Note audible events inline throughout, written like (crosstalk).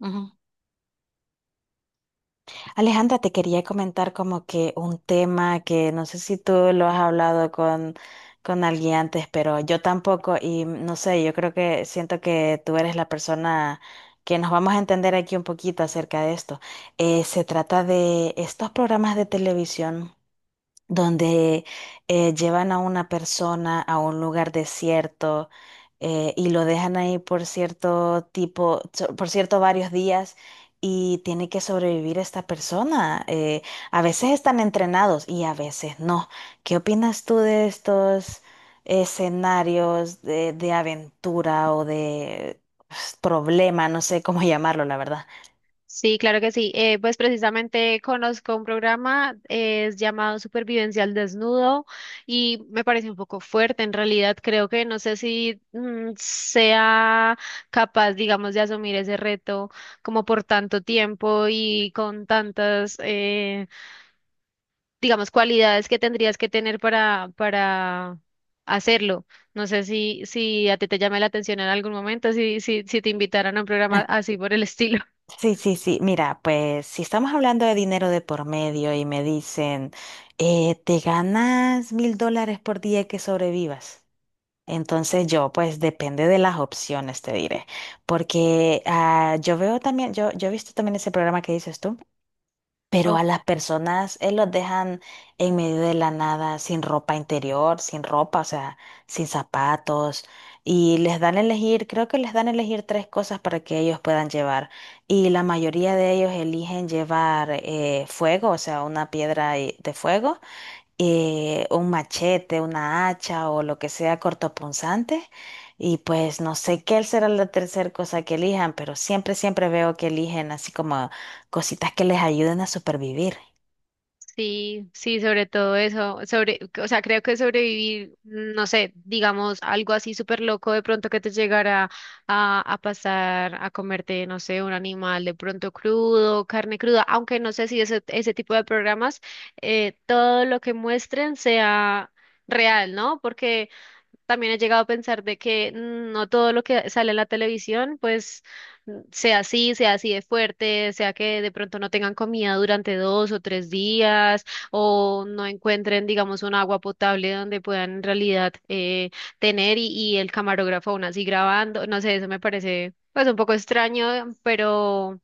Ujú. Alejandra, te quería comentar como que un tema que no sé si tú lo has hablado con alguien antes, pero yo tampoco y no sé, yo creo que siento que tú eres la persona que nos vamos a entender aquí un poquito acerca de esto. Se trata de estos programas de televisión donde llevan a una persona a un lugar desierto y lo dejan ahí por cierto tipo, por cierto varios días y tiene que sobrevivir esta persona. A veces están entrenados y a veces no. ¿Qué opinas tú de estos escenarios de aventura o de pues, problema? No sé cómo (laughs) llamarlo, la verdad. Sí, claro que sí. Pues precisamente conozco un programa, es llamado Supervivencia al Desnudo y me parece un poco fuerte en realidad. Creo que no sé si sea capaz, digamos, de asumir ese reto como por tanto tiempo y con tantas, digamos, cualidades que tendrías que tener para hacerlo. No sé si a ti te llama la atención en algún momento, si, si te invitaran a un programa así por el estilo. Sí, sí, sí. Mira, pues si estamos hablando de dinero de por medio y me dicen, te ganas $1000 por día que sobrevivas. Entonces yo, pues depende de las opciones, te diré. Porque yo veo también, yo he visto también ese programa que dices tú. Pero a (laughs) las personas, los dejan en medio de la nada, sin ropa interior, sin ropa, o sea, sin zapatos. Y les dan a elegir, creo que les dan a elegir tres cosas para que ellos puedan llevar. Y la mayoría de ellos eligen llevar fuego, o sea, una de fuego un machete, una hacha o lo que sea cortopunzante. Y pues no sé qué será la tercera cosa que elijan, pero siempre, siempre veo que eligen así como cositas que les ayuden a supervivir. Sí, sí, sobre todo eso, sobre, o sea, creo que sobrevivir, no sé, digamos, algo así súper loco de pronto que te llegara a pasar a comerte, no sé, un animal de pronto crudo, carne cruda, aunque no sé si ese tipo de programas, todo lo que muestren sea real, ¿no? Porque también he llegado a pensar de que no todo lo que sale en la televisión, pues sea así de fuerte, sea que de pronto no tengan comida durante dos o tres días, o no encuentren, digamos, un agua potable donde puedan en realidad tener y el camarógrafo aún así grabando. No sé, eso me parece pues un poco extraño,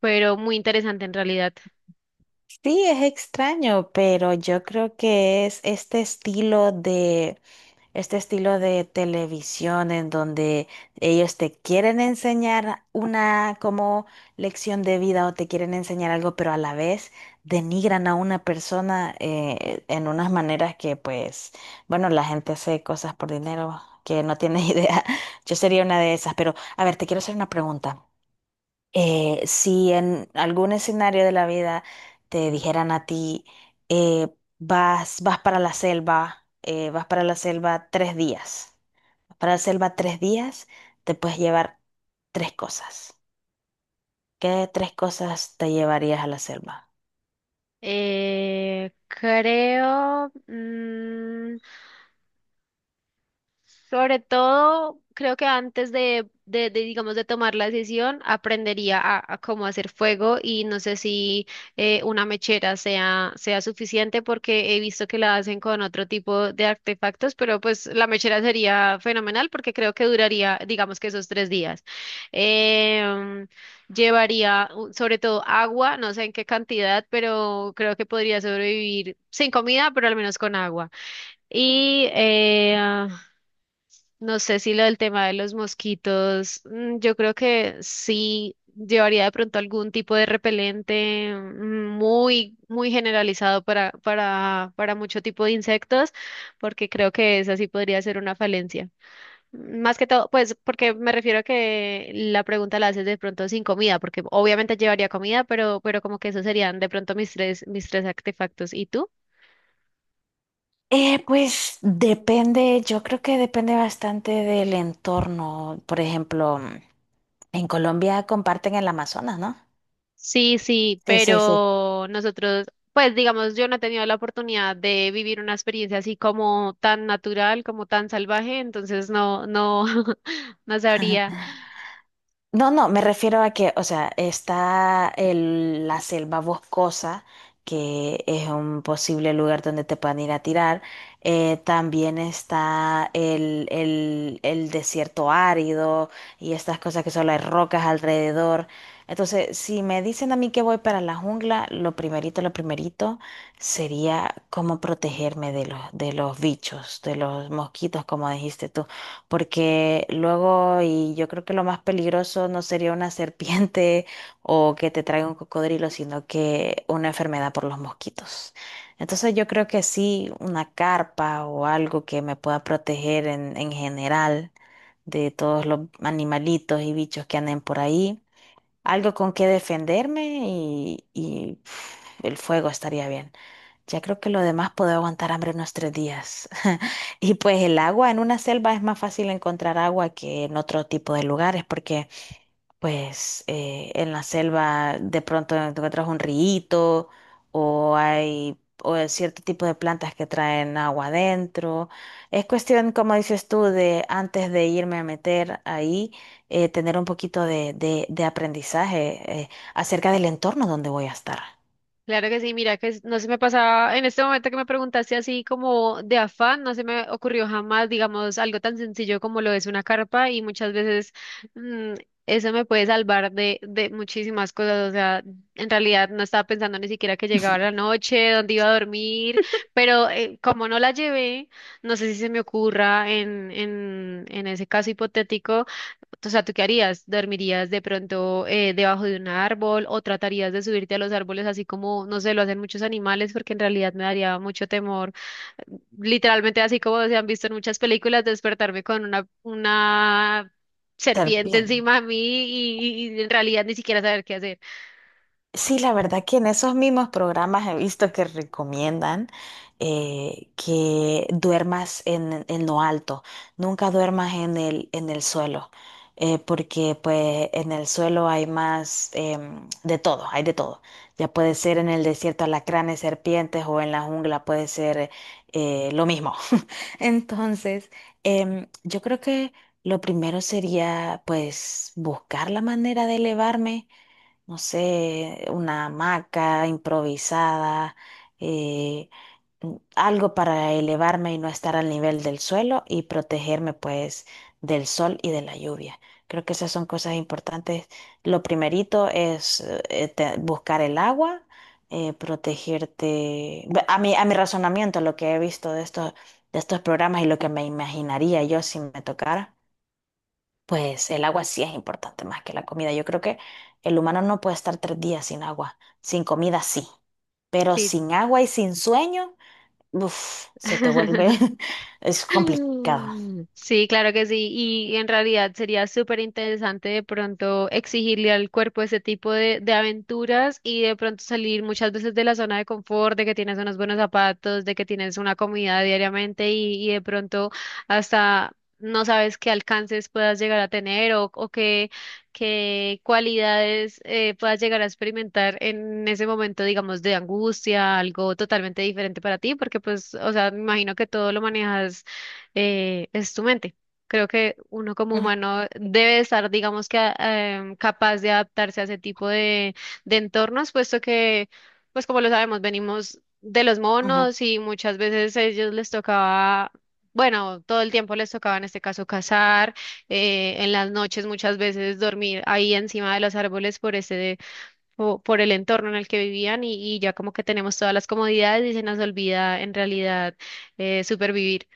pero muy interesante en realidad. Sí, es extraño, pero yo creo que es este estilo de televisión en donde ellos te quieren enseñar una como lección de vida o te quieren enseñar algo, pero a la vez denigran a una persona en unas maneras que pues, bueno, la gente hace cosas por dinero que no tiene (laughs) idea. Yo sería una de esas, pero a ver, te quiero hacer una pregunta. Si en algún escenario de la vida te dijeran a ti, eh, vas para la selva, vas para la selva tres días, te puedes llevar tres cosas. ¿Qué tres cosas te llevarías a la selva? Creo... sobre todo, creo que antes digamos, de tomar la decisión, aprendería a cómo hacer fuego y no sé si una mechera sea suficiente porque he visto que la hacen con otro tipo de artefactos, pero pues la mechera sería fenomenal porque creo que duraría, digamos que esos tres días. Em, llevaría sobre todo agua, no sé en qué cantidad, pero creo que podría sobrevivir sin comida, pero al menos con agua. Y no sé si lo del tema de los mosquitos, yo creo que sí llevaría de pronto algún tipo de repelente muy, muy generalizado para mucho tipo de insectos, porque creo que esa sí podría ser una falencia. Más que todo, pues, porque me refiero a que la pregunta la haces de pronto sin comida, porque obviamente llevaría comida, pero como que esos serían de pronto mis tres artefactos. ¿Y tú? Pues depende, yo creo que depende bastante del entorno. Por ejemplo, en Colombia comparten el Amazonas, ¿no? Sí, sí, Sí, sí, sí. pero nosotros, pues digamos, yo no he tenido la oportunidad de vivir una experiencia así como tan natural, como tan salvaje, entonces no, no, (laughs) no sabría. (laughs) No, no, me refiero a que, o sea, la selva boscosa, que es un posible lugar donde te puedan ir a tirar. También está el desierto árido y estas cosas que solo hay rocas alrededor. Entonces, si me dicen a mí que voy para la jungla, lo primerito sería cómo protegerme de de los bichos, de los mosquitos, como dijiste tú, porque luego, y yo creo que lo más peligroso no sería una (laughs) serpiente o que te traiga un cocodrilo, sino que una enfermedad por los mosquitos. Entonces yo creo que sí, una carpa o algo que me pueda proteger en general de todos los animalitos y bichos que anden por ahí. Algo con que defenderme y el fuego estaría bien. Ya creo que lo demás puede aguantar hambre unos tres días. (laughs) Y pues el agua en una selva es más fácil encontrar agua que en otro tipo de lugares, porque pues en la selva de pronto encuentras un río o hay o hay cierto tipo de plantas que traen agua adentro. Es cuestión, como dices tú, de antes de irme a meter ahí, tener un poquito de aprendizaje acerca del entorno donde voy a estar. Claro que sí, mira que no se me pasaba en este momento que me preguntaste así como de afán, no se me ocurrió jamás, digamos, algo tan sencillo como lo es una carpa y muchas veces mm, eso me puede salvar de muchísimas cosas, o sea, en realidad no estaba pensando ni siquiera que llegaba la noche, dónde iba a dormir, pero como no la llevé, no sé si se me ocurra en ese caso hipotético, o sea, ¿tú qué harías? ¿Dormirías de pronto debajo de un árbol o tratarías de subirte a los árboles así como, no sé, lo hacen muchos animales? Porque en realidad me daría mucho temor. Literalmente así como se han visto en muchas películas, despertarme con una Ser serpiente bien. encima de mí y en realidad ni siquiera saber qué hacer. Sí, la verdad que en esos mismos programas he visto que recomiendan que duermas en lo alto, nunca duermas en en el suelo, porque pues en el suelo hay más de todo, hay de todo. Ya puede ser en el desierto alacranes, serpientes o en la jungla puede ser lo mismo. (laughs) Entonces, yo creo que lo primero sería pues buscar la manera de elevarme, no sé, una hamaca improvisada, eh, algo para elevarme y no estar al nivel del suelo y protegerme pues del sol y de la lluvia. Creo que esas son cosas importantes. Lo primerito es buscar el agua, protegerte. A mi razonamiento, lo que he visto de estos programas y lo que me imaginaría yo si me tocara. Pues el agua sí es importante más que la comida. Yo creo que el humano no puede estar tres días sin agua. Sin comida sí. Pero Sí. sin agua y sin sueño, uf, (laughs) (laughs) es complicado. (laughs) Sí, claro que sí. Y en realidad sería súper interesante de pronto exigirle al cuerpo ese tipo de aventuras y de pronto salir muchas veces de la zona de confort, de que tienes unos buenos zapatos, de que tienes una comida diariamente y de pronto hasta no sabes qué alcances puedas llegar a tener o qué, qué cualidades puedas llegar a experimentar en ese momento, digamos, de angustia, algo totalmente diferente para ti, porque pues, o sea, me imagino que todo lo manejas es tu mente. Creo que uno como Ujú, humano debe estar, digamos que, capaz de adaptarse a ese tipo de entornos, puesto que, pues como lo sabemos, venimos de los ujú. monos y muchas veces a ellos les tocaba, bueno, todo el tiempo les tocaba en este caso cazar, en las noches muchas veces dormir ahí encima de los árboles por ese, por el entorno en el que vivían y ya como que tenemos todas las comodidades y se nos olvida en realidad supervivir.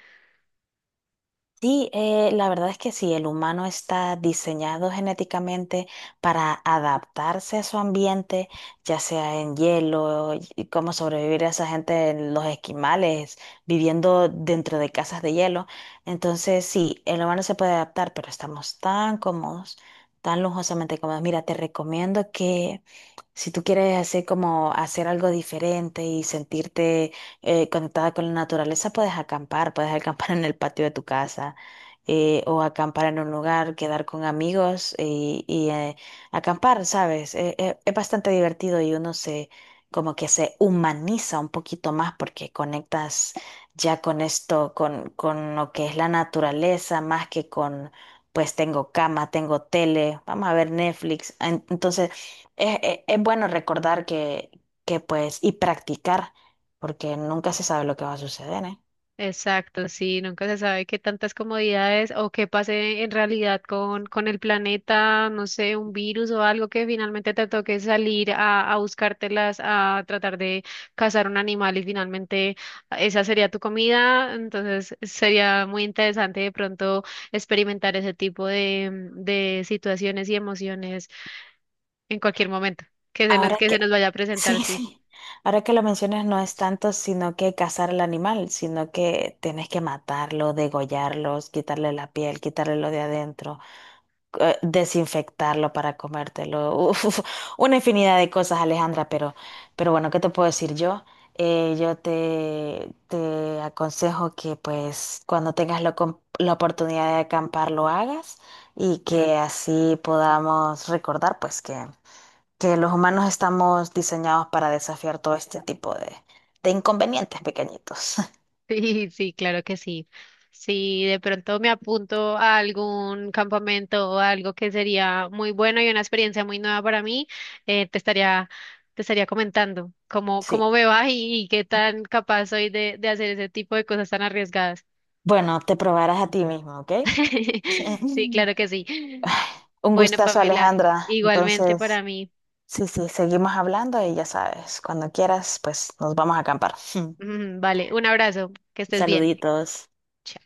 Sí, la verdad es que sí, el humano está diseñado genéticamente para adaptarse a su ambiente, ya sea en hielo, y cómo sobrevivir a esa gente en los esquimales, viviendo dentro de casas de hielo. Entonces, sí, el humano se puede adaptar, pero estamos tan cómodos, tan lujosamente cómodos. Mira, te recomiendo que si tú quieres hacer algo diferente y sentirte conectada con la naturaleza, puedes acampar (laughs) en el patio de tu casa, o acampar en un lugar, quedar con amigos y acampar, ¿sabes? Es bastante divertido y uno se, como que se humaniza un poquito más porque conectas ya con esto, con lo que es la naturaleza, más que con, pues tengo cama, tengo tele, vamos a ver Netflix. Entonces es bueno recordar que pues, y practicar, porque nunca se sabe lo que va a suceder, ¿eh? Exacto, sí, nunca se sabe qué tantas comodidades o qué pase en realidad con el planeta, no sé, un virus o algo que finalmente te toque salir a buscártelas, a tratar de cazar un animal y finalmente esa sería tu comida. Entonces sería muy interesante de pronto experimentar ese tipo de situaciones y emociones en cualquier momento Ahora que se que, nos vaya a (laughs) presentar, sí, sí. sí, ahora que lo mencionas, no es tanto sino que cazar al animal, sino que tienes que matarlo, degollarlos, quitarle la piel, quitarle lo de adentro, desinfectarlo para comértelo. (laughs) Uf, una infinidad de cosas, Alejandra, pero bueno, ¿qué te puedo decir yo? Yo te aconsejo que pues cuando tengas la oportunidad de acampar lo hagas y que así podamos recordar pues que los humanos estamos diseñados para desafiar todo este tipo de inconvenientes pequeñitos. (laughs) Sí, sí, claro que sí. Si de pronto me apunto a algún campamento o algo que sería muy bueno y una experiencia muy nueva para mí, eh, te estaría, te estaría comentando Sí. cómo me va y qué tan capaz soy de hacer ese tipo de cosas tan arriesgadas. Bueno, te probarás a ti mismo, ¿ok? (laughs) Sí, claro (laughs) que sí. Un Bueno, gustazo, Pamela, Alejandra. igualmente para Entonces, mí. (laughs) sí, sí, seguimos hablando y ya sabes, cuando quieras, pues nos vamos a acampar. (laughs) Vale, un abrazo, que estés bien. Saluditos. Chao.